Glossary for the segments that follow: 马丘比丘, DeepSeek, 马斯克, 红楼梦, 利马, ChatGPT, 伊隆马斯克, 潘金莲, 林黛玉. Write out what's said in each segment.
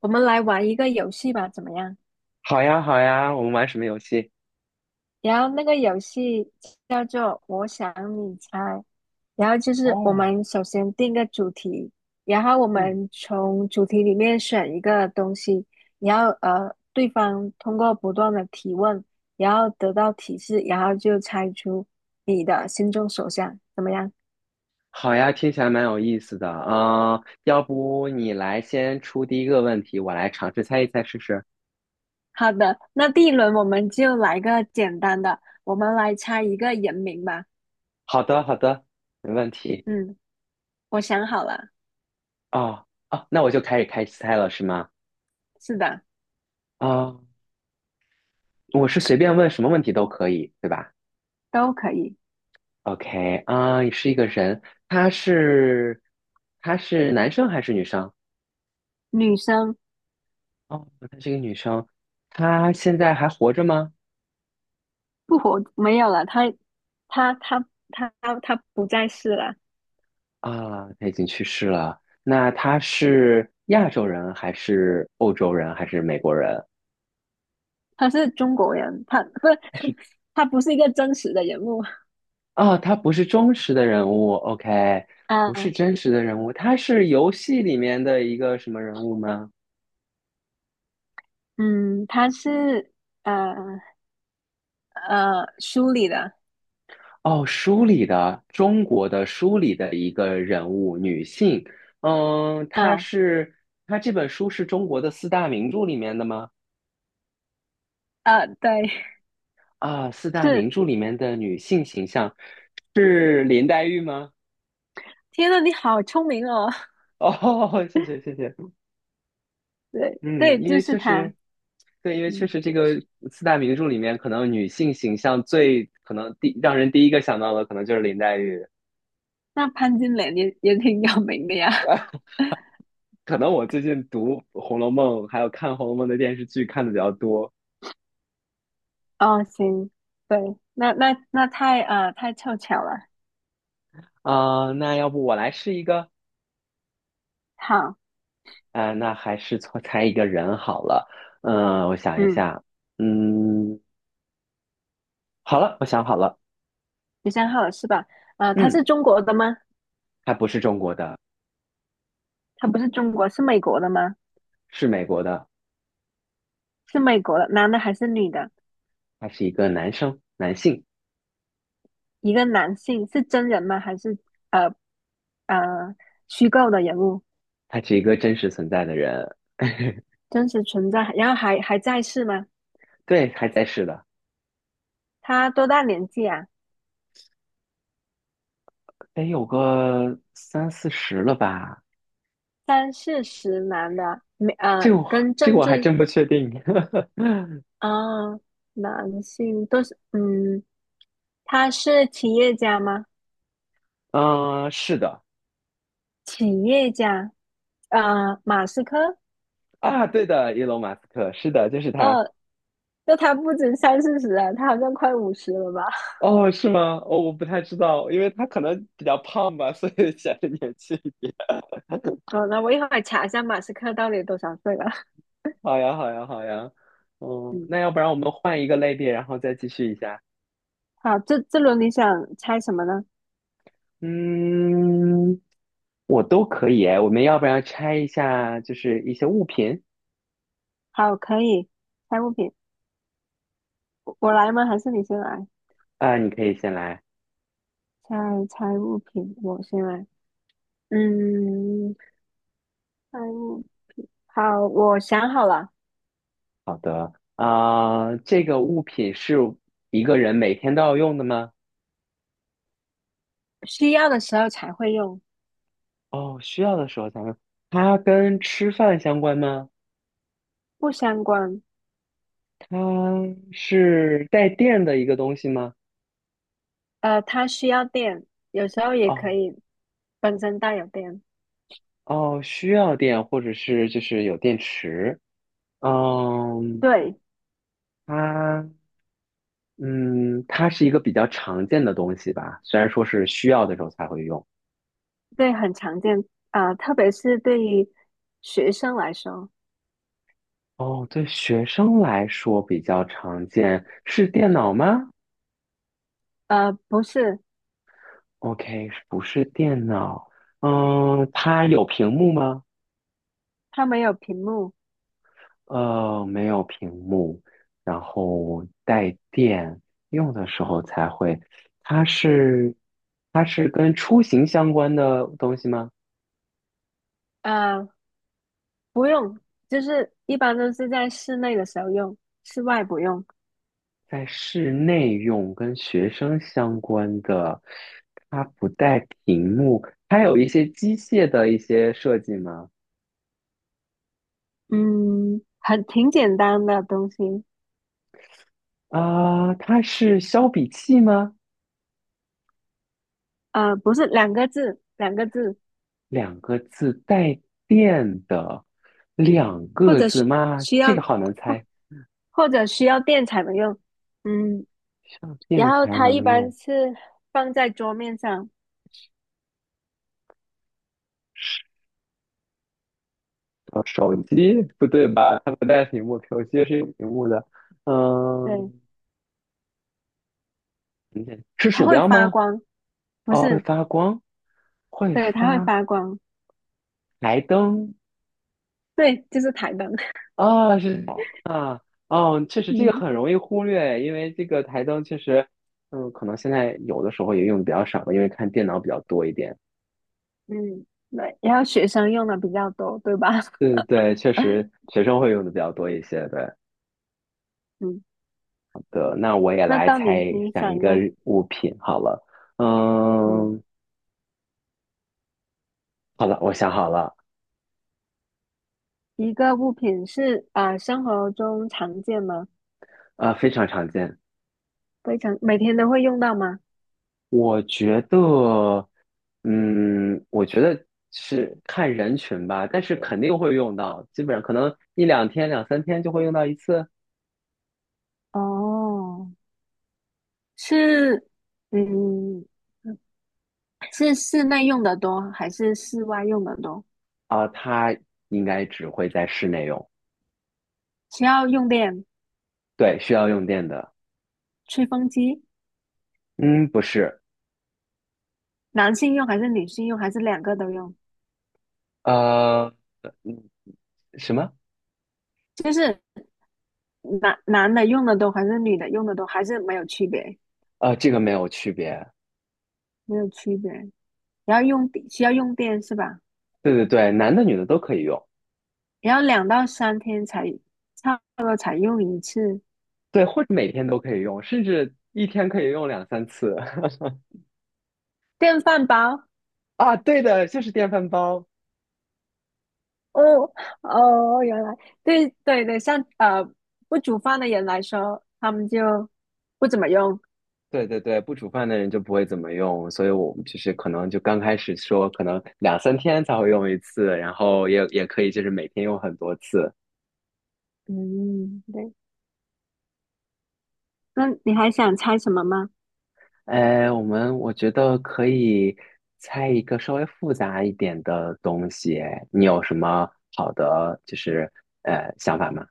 我们来玩一个游戏吧，怎么样？好呀，好呀，我们玩什么游戏？然后那个游戏叫做"我想你猜"，然后就是我哦，们首先定个主题，然后我嗯，们从主题里面选一个东西，然后对方通过不断的提问，然后得到提示，然后就猜出你的心中所想，怎么样？好呀，听起来蛮有意思的啊，要不你来先出第一个问题，我来尝试猜一猜试试。好的，那第一轮我们就来个简单的，我们来猜一个人名吧。好的，好的，没问题。嗯，我想好了，哦，哦，那我就开始猜了，是吗？是的，啊，我是随便问什么问题都可以，对吧都可以。？OK，啊，你是一个人，他是他是男生还是女生？女生哦，他是一个女生，她现在还活着吗？不活没有了，她她她她不再是了，啊，他已经去世了。那他是亚洲人还是欧洲人还是美国人？她是中国人，她不是 他是 她不是一个真实的人物。啊，他不是忠实的人物，OK，啊，不是真实的人物，他是游戏里面的一个什么人物吗？她是呃书里的。哦，书里的中国的书里的一个人物，女性。嗯，她啊是她这本书是中国的四大名著里面的吗？啊，对，啊，四大名是，著里面的女性形象是林黛玉吗？天呐，你好聪明哦。哦，谢谢谢谢。对嗯，对，因就为是确她。实，对，因为确嗯，实这个四大名著里面，可能女性形象最可能让人第一个想到的，可能就是林黛玉。那潘金莲也挺有名的呀。可能我最近读《红楼梦》，还有看《红楼梦》的电视剧看的比较多。 哦行，对，那太太凑巧了。啊、那要不我来试一个。好。啊、那还是错猜一个人好了。嗯、我想一嗯。下，嗯，好了，我想好了。13号是吧？他嗯，是中国的吗？他不是中国的，他不是中国，是美国的吗？是美国的，是美国的，男的还是女的？他是一个男生，男性，一个男性是真人吗？还是呃呃虚构的人物？他是一个真实存在的人。真实存在，然后还在世吗？对，还在世的，他多大年纪啊？得有个三四十了吧？三四十男的，没这呃，个我跟这个政我还治真不确定。啊、男性都是，嗯，他是企业家吗？嗯是的。企业家，啊，马斯克。啊，对的，伊隆马斯克，是的，就是他。二那他不止三四十啊，他好像快50了吧？哦，是吗？哦，我不太知道，因为他可能比较胖吧，所以显得年轻一点。好，那我一会儿查一下马斯克到底多少岁了。好呀，好呀，好呀。嗯，那嗯，要不然我们换一个类别，然后再继续一下。好，这轮你想猜什么呢？嗯，我都可以诶。我们要不然拆一下，就是一些物品。好，可以猜物品，我来吗？还是你先来？啊，你可以先来。猜猜物品，我先来。嗯，猜物，好，我想好了，好的，啊、这个物品是一个人每天都要用的吗？需要的时候才会用，哦，需要的时候才用。它跟吃饭相关吗？不相关。它是带电的一个东西吗？它需要电，有时候也可哦，以本身带有电。哦，需要电，或者是就是有电池。嗯，对，它嗯，它是一个比较常见的东西吧，虽然说是需要的时候才会用。对，很常见啊，特别是对于学生来说，哦，对学生来说比较常见，是电脑吗？不是，OK，不是电脑。嗯，它有屏幕吗？它没有屏幕，呃，没有屏幕，然后带电，用的时候才会。它是，它是跟出行相关的东西吗？呃，不用，就是一般都是在室内的时候用，室外不用。在室内用，跟学生相关的，它不带屏幕，它有一些机械的一些设计吗？嗯，很挺简单的东西，啊、它是削笔器吗？不是两个字，两个字，两个字带电的，两或个者字是吗？需这要，个好难或猜，或者需要电才能用。嗯，上然电后才它一能般用。是放在桌面上，呃，手机不对吧？它不带屏幕，手机是有屏幕的。对，嗯，等等是它鼠会标发吗？光，不哦，会是，发光，会对，它会发发光，台灯。对，就是台灯。啊，是。啊，哦，确实这嗯个很容易忽略，因为这个台灯确实，嗯，可能现在有的时候也用的比较少吧，因为看电脑比较多一点。嗯，对，然后学生用的比较多，对吧？对对对，确实 学生会用的比较多一些。对。嗯，对，那我也那来到猜你，你想一想一个个。日物品好了。嗯，嗯，好了，我想好了。一个物品是啊，生活中常见吗？呃，非常常见。非常，每天都会用到吗？我觉得，嗯，我觉得是看人群吧，但是肯定会用到，基本上可能一两天、两三天就会用到一次。哦，是，嗯，是室内用的多还是室外用的多？啊。应该只会在室内用。需要用电，对，需要用电的。吹风机，嗯，不是。男性用还是女性用，还是两个都用？呃，嗯什么？就是男的用的多还是女的用的多，还是没有区别？呃，这个没有区别。没有区别。要用电需要用电是吧？对对对，男的女的都可以用。然后2到3天才差不多才用一次对，或者每天都可以用，甚至一天可以用两三次。电饭煲。啊，对的，就是电饭煲。哦哦，原来对对对，像不煮饭的人来说，他们就不怎么用。对对对，不煮饭的人就不会怎么用，所以我们就是可能就刚开始说，可能两三天才会用一次，然后也也可以就是每天用很多次。嗯，对。那你还想猜什么吗？哎，我觉得可以猜一个稍微复杂一点的东西，你有什么好的就是想法吗？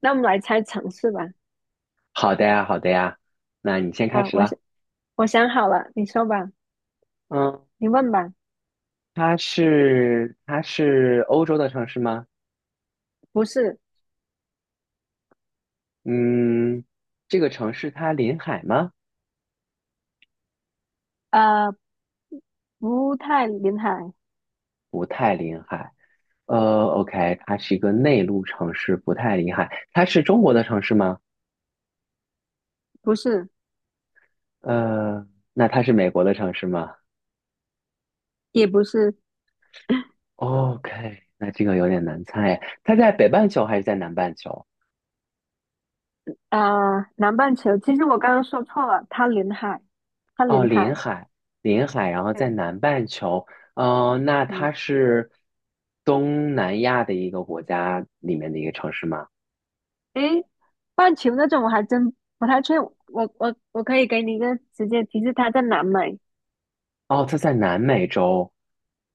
那我们来猜城市吧。好的呀，好的呀，那你先开啊，始我啦。想我想好了，你说吧，嗯，你问吧。它是欧洲的城市吗？不是，嗯，这个城市它临海吗？呃，不太临海，不太临海。呃，OK，它是一个内陆城市，不太临海。它是中国的城市吗？不是，呃，那它是美国的城市吗也不是。？OK，那这个有点难猜。它在北半球还是在南半球？啊，南半球，其实我刚刚说错了，它临海，它哦，临海。临海，临海，然后在对，南半球。哦，那它嗯，是东南亚的一个国家里面的一个城市吗？诶，半球那种我还真不太确，我可以给你一个直接提示，它在南美。哦，它在南美洲。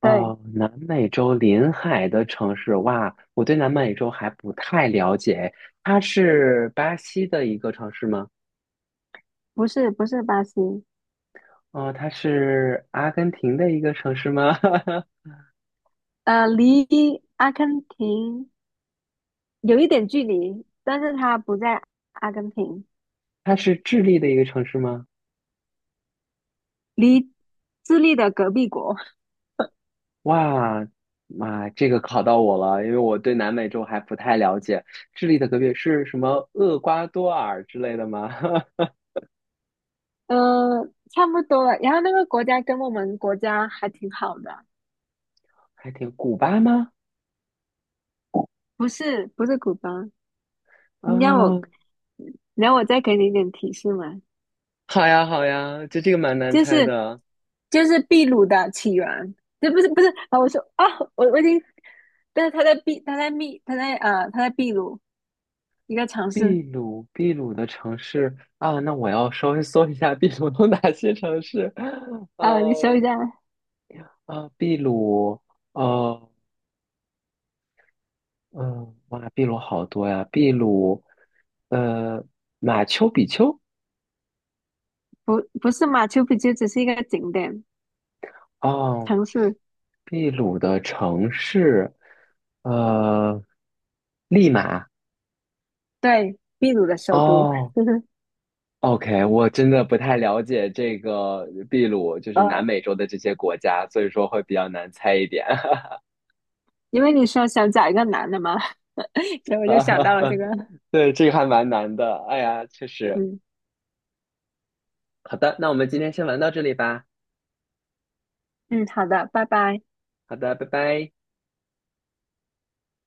对，哦，南美洲临海的城市，哇，我对南美洲还不太了解。它是巴西的一个城市吗？不是不是巴西，哦，它是阿根廷的一个城市吗？离阿根廷有一点距离，但是它不在阿根廷，它是智利的一个城市吗？离智利的隔壁国，哇，妈，这个考到我了，因为我对南美洲还不太了解。智利的隔壁是什么？厄瓜多尔之类的吗？呃，差不多了。然后那个国家跟我们国家还挺好的，还挺，古巴吗？不是不是古巴，啊，你让我。然后我再给你一点提示嘛，好呀，好呀，就这个蛮难就猜是的。就是秘鲁的起源，这不是不是啊？我说啊，我已经，但是他在秘鲁一个城市秘鲁，秘鲁的城市啊，那我要稍微搜一下秘鲁有哪些城市。啊、你搜一呃下，啊，秘鲁，呃嗯，哇，秘鲁好多呀，秘鲁，呃，马丘比丘，不是马丘比丘，只是一个景点哦，城市，秘鲁的城市，呃，利马，对，秘鲁的首都，哦 就是，OK，我真的不太了解这个秘鲁，就是南呃，美洲的这些国家，所以说会比较难猜一点。因为你说想找一个男的嘛，所以我就想到了这个，对，这个还蛮难的。哎呀，确实。嗯好的，那我们今天先玩到这里吧。嗯，好的，拜拜。好的，拜拜。